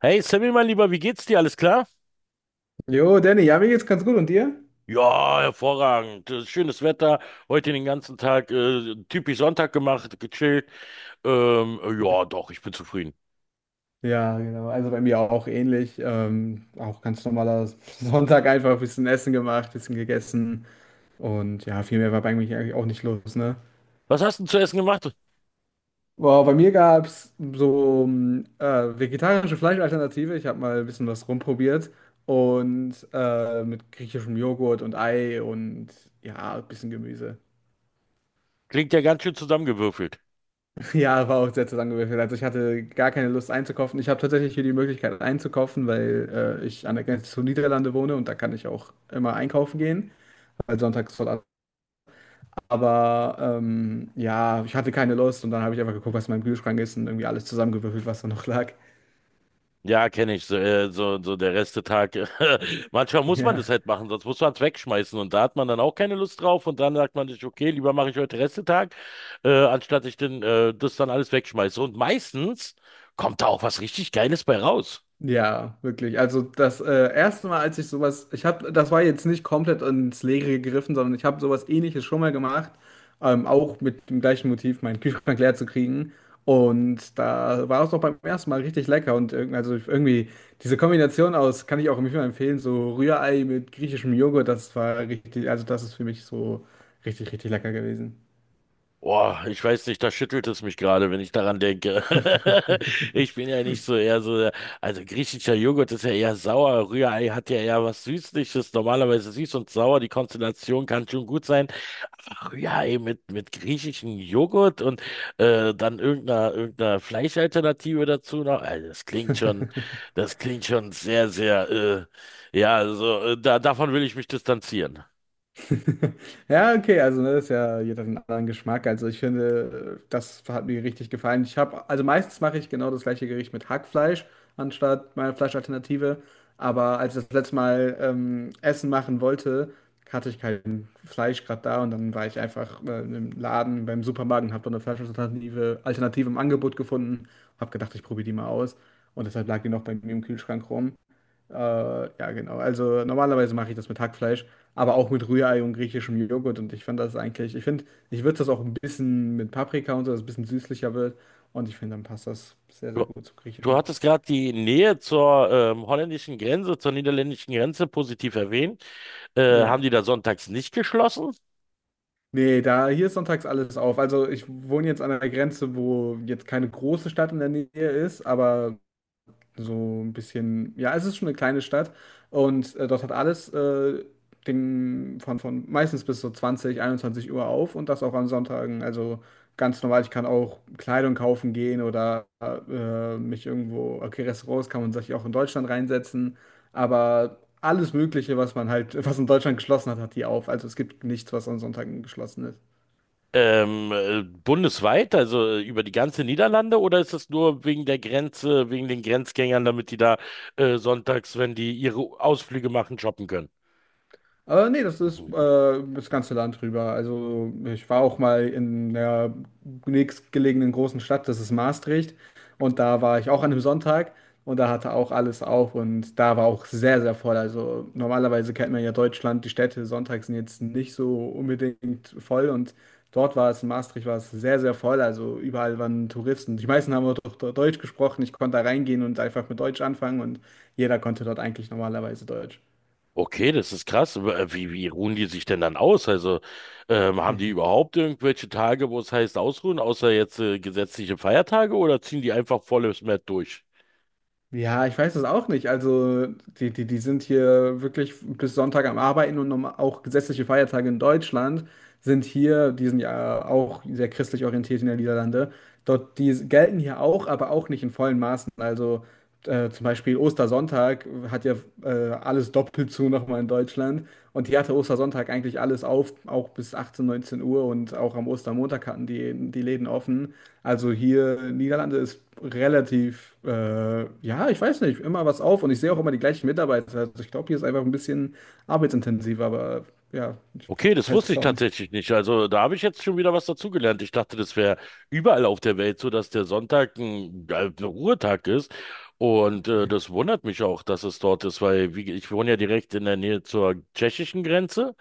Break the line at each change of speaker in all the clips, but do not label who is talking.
Hey Sammy, mein Lieber, wie geht's dir? Alles klar?
Jo, Danny, ja, mir geht's ganz gut. Und dir?
Ja, hervorragend. Schönes Wetter. Heute den ganzen Tag typisch Sonntag gemacht, gechillt. Ja, doch, ich bin zufrieden.
Ja, genau. Also bei mir auch ähnlich. Auch ganz normaler Sonntag einfach ein bisschen Essen gemacht, bisschen gegessen. Und ja, viel mehr war bei mir eigentlich auch nicht los, ne?
Was hast du denn zu essen gemacht?
Boah, bei mir gab es so vegetarische Fleischalternative. Ich habe mal ein bisschen was rumprobiert. Und mit griechischem Joghurt und Ei und ja, ein bisschen Gemüse.
Klingt ja ganz schön zusammengewürfelt.
Ja, war auch sehr zusammengewürfelt. Also ich hatte gar keine Lust einzukaufen. Ich habe tatsächlich hier die Möglichkeit einzukaufen, weil ich an der Grenze zu Niederlande wohne und da kann ich auch immer einkaufen gehen, weil sonntags voll ab. Aber ja, ich hatte keine Lust und dann habe ich einfach geguckt, was in meinem Kühlschrank ist und irgendwie alles zusammengewürfelt, was da noch lag.
Ja, kenne ich. So der Restetag. Manchmal muss man das
Ja.
halt machen, sonst muss man es wegschmeißen. Und da hat man dann auch keine Lust drauf. Und dann sagt man sich, okay, lieber mache ich heute Restetag, anstatt ich denn, das dann alles wegschmeiße. Und meistens kommt da auch was richtig Geiles bei raus.
Ja, wirklich. Also das erste Mal, als ich sowas, ich habe, das war jetzt nicht komplett ins Leere gegriffen, sondern ich habe sowas Ähnliches schon mal gemacht, auch mit dem gleichen Motiv, meinen Kühlschrank leer zu kriegen. Und da war es doch beim ersten Mal richtig lecker und also irgendwie diese Kombination aus, kann ich auch immer empfehlen, so Rührei mit griechischem Joghurt, das war richtig, also das ist für mich so richtig, richtig lecker gewesen.
Boah, ich weiß nicht, da schüttelt es mich gerade, wenn ich daran denke. Ich bin ja nicht so eher so, also griechischer Joghurt ist ja eher sauer, Rührei hat ja eher was Süßliches, normalerweise süß und sauer, die Konstellation kann schon gut sein, ja, ey, mit griechischem Joghurt und dann irgendeiner Fleischalternative dazu noch. Also das klingt schon sehr, ja, also davon will ich mich distanzieren.
Ja, okay, also ne, das ist ja jeder hat einen anderen Geschmack. Also ich finde, das hat mir richtig gefallen. Ich habe, also meistens mache ich genau das gleiche Gericht mit Hackfleisch anstatt meiner Fleischalternative. Aber als ich das letzte Mal Essen machen wollte, hatte ich kein Fleisch gerade da und dann war ich einfach im Laden beim Supermarkt und habe dann eine Fleischalternative Alternative im Angebot gefunden. Habe gedacht, ich probiere die mal aus und deshalb lag die noch bei mir im Kühlschrank rum. Ja, genau. Also normalerweise mache ich das mit Hackfleisch, aber auch mit Rührei und griechischem Joghurt. Und ich finde das eigentlich, ich finde, ich würze das auch ein bisschen mit Paprika und so, dass es ein bisschen süßlicher wird. Und ich finde, dann passt das sehr,
Du,
sehr gut zum
du
Griechischen.
hattest gerade die Nähe zur holländischen Grenze, zur niederländischen Grenze positiv erwähnt. Haben
Ja.
die da sonntags nicht geschlossen?
Nee, da hier ist sonntags alles auf. Also ich wohne jetzt an einer Grenze, wo jetzt keine große Stadt in der Nähe ist, aber so ein bisschen, ja, es ist schon eine kleine Stadt und dort hat alles den, von meistens bis so 20, 21 Uhr auf und das auch an Sonntagen. Also ganz normal, ich kann auch Kleidung kaufen gehen oder mich irgendwo, okay, Restaurants kann man sich auch in Deutschland reinsetzen, aber alles Mögliche, was man halt, was in Deutschland geschlossen hat, hat die auf. Also es gibt nichts, was an Sonntagen geschlossen ist.
Bundesweit, also über die ganze Niederlande, oder ist es nur wegen der Grenze, wegen den Grenzgängern, damit die da sonntags, wenn die ihre Ausflüge machen, shoppen können?
Nee, das ist
Mhm.
das ganze Land rüber. Also ich war auch mal in der nächstgelegenen großen Stadt, das ist Maastricht. Und da war ich auch an einem Sonntag und da hatte auch alles auf und da war auch sehr, sehr voll. Also normalerweise kennt man ja Deutschland, die Städte sonntags sind jetzt nicht so unbedingt voll und dort war es, in Maastricht war es sehr, sehr voll. Also überall waren Touristen. Die meisten haben auch doch Deutsch gesprochen. Ich konnte da reingehen und einfach mit Deutsch anfangen und jeder konnte dort eigentlich normalerweise Deutsch.
Okay, das ist krass. Aber, wie, wie ruhen die sich denn dann aus? Also haben die überhaupt irgendwelche Tage, wo es heißt ausruhen, außer jetzt gesetzliche Feiertage, oder ziehen die einfach volles Mett durch?
Ja, ich weiß es auch nicht. Also, die sind hier wirklich bis Sonntag am Arbeiten und auch gesetzliche Feiertage in Deutschland sind hier, die sind ja auch sehr christlich orientiert in den Niederlande. Dort, die gelten hier auch, aber auch nicht in vollen Maßen. Also, zum Beispiel Ostersonntag hat ja alles doppelt zu nochmal in Deutschland. Und die hatte Ostersonntag eigentlich alles auf, auch bis 18, 19 Uhr und auch am Ostermontag hatten die Läden offen. Also hier in Niederlande ist relativ, ja, ich weiß nicht, immer was auf und ich sehe auch immer die gleichen Mitarbeiter. Also ich glaube, hier ist einfach ein bisschen arbeitsintensiver, aber ja, ich
Okay, das
weiß
wusste
es
ich
auch nicht.
tatsächlich nicht. Also da habe ich jetzt schon wieder was dazugelernt. Ich dachte, das wäre überall auf der Welt so, dass der Sonntag ein Ruhetag ist. Und das wundert mich auch, dass es dort ist, weil wie, ich wohne ja direkt in der Nähe zur tschechischen Grenze.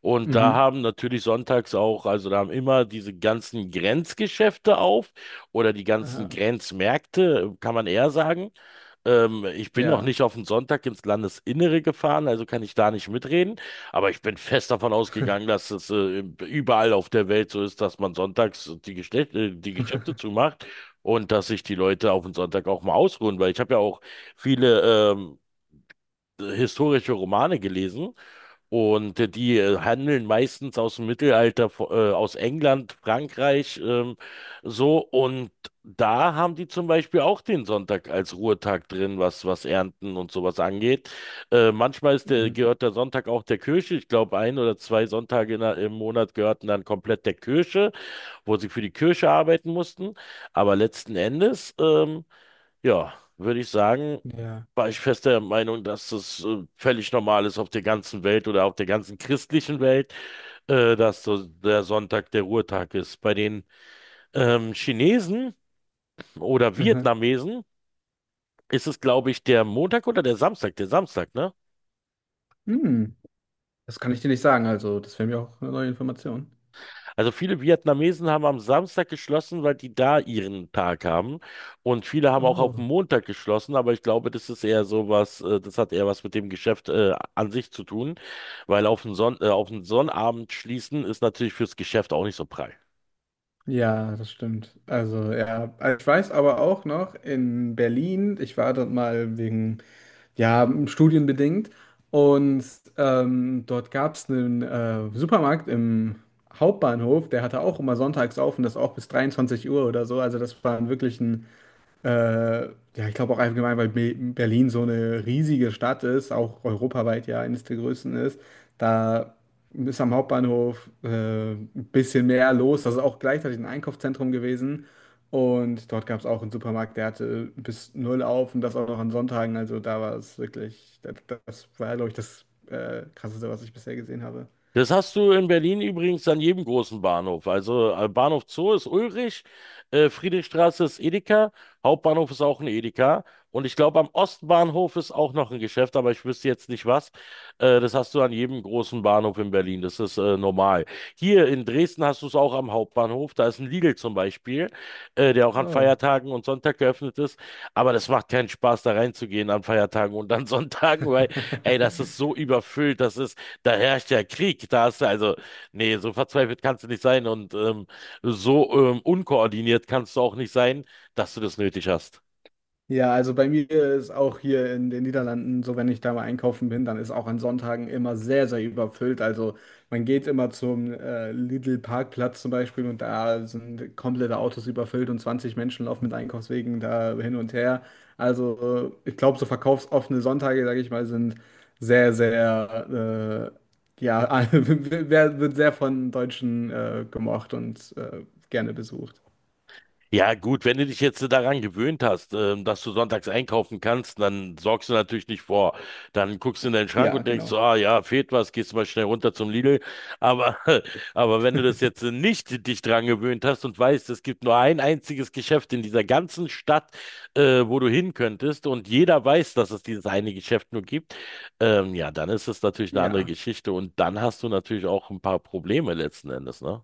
Und da
Mhm.
haben natürlich sonntags auch, also da haben immer diese ganzen Grenzgeschäfte auf oder die ganzen
Aha.
Grenzmärkte, kann man eher sagen. Ich bin noch
Ja.
nicht auf den Sonntag ins Landesinnere gefahren, also kann ich da nicht mitreden. Aber ich bin fest davon ausgegangen, dass es überall auf der Welt so ist, dass man sonntags die Geschäfte zumacht und dass sich die Leute auf den Sonntag auch mal ausruhen. Weil ich habe ja auch viele ähm, historische Romane gelesen und die handeln meistens aus dem Mittelalter, aus England, Frankreich, so. Und da haben die zum Beispiel auch den Sonntag als Ruhetag drin, was Ernten und sowas angeht. Manchmal
Mhm.
gehört der Sonntag auch der Kirche. Ich glaube, ein oder zwei Sonntage im Monat gehörten dann komplett der Kirche, wo sie für die Kirche arbeiten mussten. Aber letzten Endes. Ja, würde ich sagen,
Ja.
war ich fest der Meinung, dass es völlig normal ist auf der ganzen Welt oder auf der ganzen christlichen Welt, dass so der Sonntag der Ruhetag ist. Bei den Chinesen oder
Aha.
Vietnamesen ist es, glaube ich, der Montag oder der Samstag, ne?
Hm. Das kann ich dir nicht sagen, also das wäre mir auch eine neue Information.
Also viele Vietnamesen haben am Samstag geschlossen, weil die da ihren Tag haben. Und viele haben auch auf den
Oh.
Montag geschlossen, aber ich glaube, das ist eher so was, das hat eher was mit dem Geschäft an sich zu tun, weil auf den Sonnabend schließen ist natürlich fürs Geschäft auch nicht so prall.
Ja, das stimmt. Also ja, ich weiß aber auch noch in Berlin, ich war dort mal wegen, ja, studienbedingt und dort gab es einen Supermarkt im Hauptbahnhof, der hatte auch immer sonntags auf und das auch bis 23 Uhr oder so. Also das war wirklich ein äh, ja, ich glaube auch allgemein, weil Be Berlin so eine riesige Stadt ist, auch europaweit ja eines der größten ist, da ist am Hauptbahnhof ein bisschen mehr los. Das ist auch gleichzeitig ein Einkaufszentrum gewesen. Und dort gab es auch einen Supermarkt, der hatte bis 0 auf und das auch noch an Sonntagen. Also da war es wirklich, das war, glaube ich, das Krasseste, was ich bisher gesehen habe.
Das hast du in Berlin übrigens an jedem großen Bahnhof. Also Bahnhof Zoo ist Ulrich, Friedrichstraße ist Edeka, Hauptbahnhof ist auch ein Edeka. Und ich glaube, am Ostbahnhof ist auch noch ein Geschäft, aber ich wüsste jetzt nicht was. Das hast du an jedem großen Bahnhof in Berlin. Das ist normal. Hier in Dresden hast du es auch am Hauptbahnhof. Da ist ein Lidl zum Beispiel, der auch an
Oh.
Feiertagen und Sonntag geöffnet ist. Aber das macht keinen Spaß, da reinzugehen an Feiertagen und an Sonntagen, weil, ey, das ist so überfüllt. Das ist da herrscht ja Krieg. Da hast du also, nee, so verzweifelt kannst du nicht sein und unkoordiniert kannst du auch nicht sein, dass du das nötig hast.
Ja, also bei mir ist auch hier in den Niederlanden so, wenn ich da mal einkaufen bin, dann ist auch an Sonntagen immer sehr, sehr überfüllt. Also man geht immer zum Lidl-Parkplatz zum Beispiel und da sind komplette Autos überfüllt und 20 Menschen laufen mit Einkaufswegen da hin und her. Also ich glaube, so verkaufsoffene Sonntage, sage ich mal, sind sehr, sehr, ja, wird sehr von Deutschen gemocht und gerne besucht.
Ja, gut, wenn du dich jetzt daran gewöhnt hast, dass du sonntags einkaufen kannst, dann sorgst du natürlich nicht vor. Dann guckst du in deinen Schrank
Ja,
und denkst
genau.
so, ah ja, fehlt was, gehst mal schnell runter zum Lidl. Aber, aber wenn du das jetzt nicht dich daran gewöhnt hast und weißt, es gibt nur ein einziges Geschäft in dieser ganzen Stadt, wo du hin könntest und jeder weiß, dass es dieses eine Geschäft nur gibt, ja, dann ist es natürlich eine andere
Ja.
Geschichte und dann hast du natürlich auch ein paar Probleme letzten Endes, ne?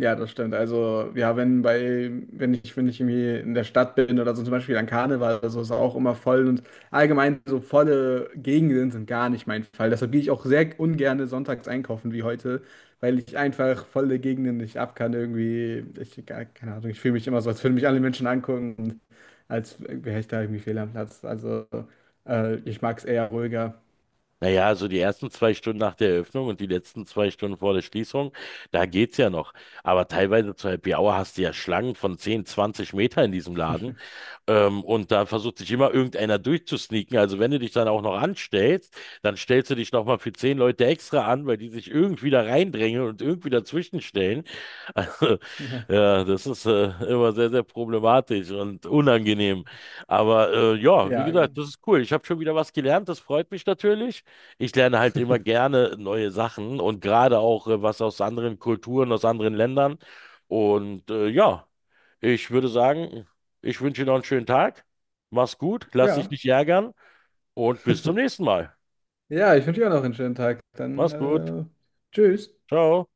Ja, das stimmt. Also, ja, wenn ich irgendwie in der Stadt bin oder so zum Beispiel an Karneval oder so, ist auch immer voll und allgemein so volle Gegenden sind gar nicht mein Fall. Deshalb gehe ich auch sehr ungern sonntags einkaufen wie heute, weil ich einfach volle Gegenden nicht ab kann irgendwie. Keine Ahnung, ich fühle mich immer so, als würden mich alle Menschen angucken und als wäre ich da irgendwie fehl am Platz. Also, ich mag es eher ruhiger.
Naja, also die ersten zwei Stunden nach der Eröffnung und die letzten zwei Stunden vor der Schließung, da geht's ja noch. Aber teilweise zur Happy Hour hast du ja Schlangen von 10, 20 Meter in diesem Laden. Und da versucht sich immer irgendeiner durchzusneaken. Also wenn du dich dann auch noch anstellst, dann stellst du dich nochmal für 10 Leute extra an, weil die sich irgendwie da reindrängen und irgendwie dazwischenstellen. Also,
Ja.
ja, das ist immer sehr, sehr problematisch und unangenehm. Aber ja, wie
Ja,
gesagt,
genau.
das ist cool. Ich habe schon wieder was gelernt, das freut mich natürlich. Ich lerne halt immer gerne neue Sachen und gerade auch was aus anderen Kulturen, aus anderen Ländern. Und ja, ich würde sagen, ich wünsche dir noch einen schönen Tag. Mach's gut, lass dich
Ja.
nicht ärgern und bis zum nächsten Mal.
Ja, ich wünsche dir auch noch einen schönen Tag. Dann,
Mach's gut.
tschüss.
Ciao.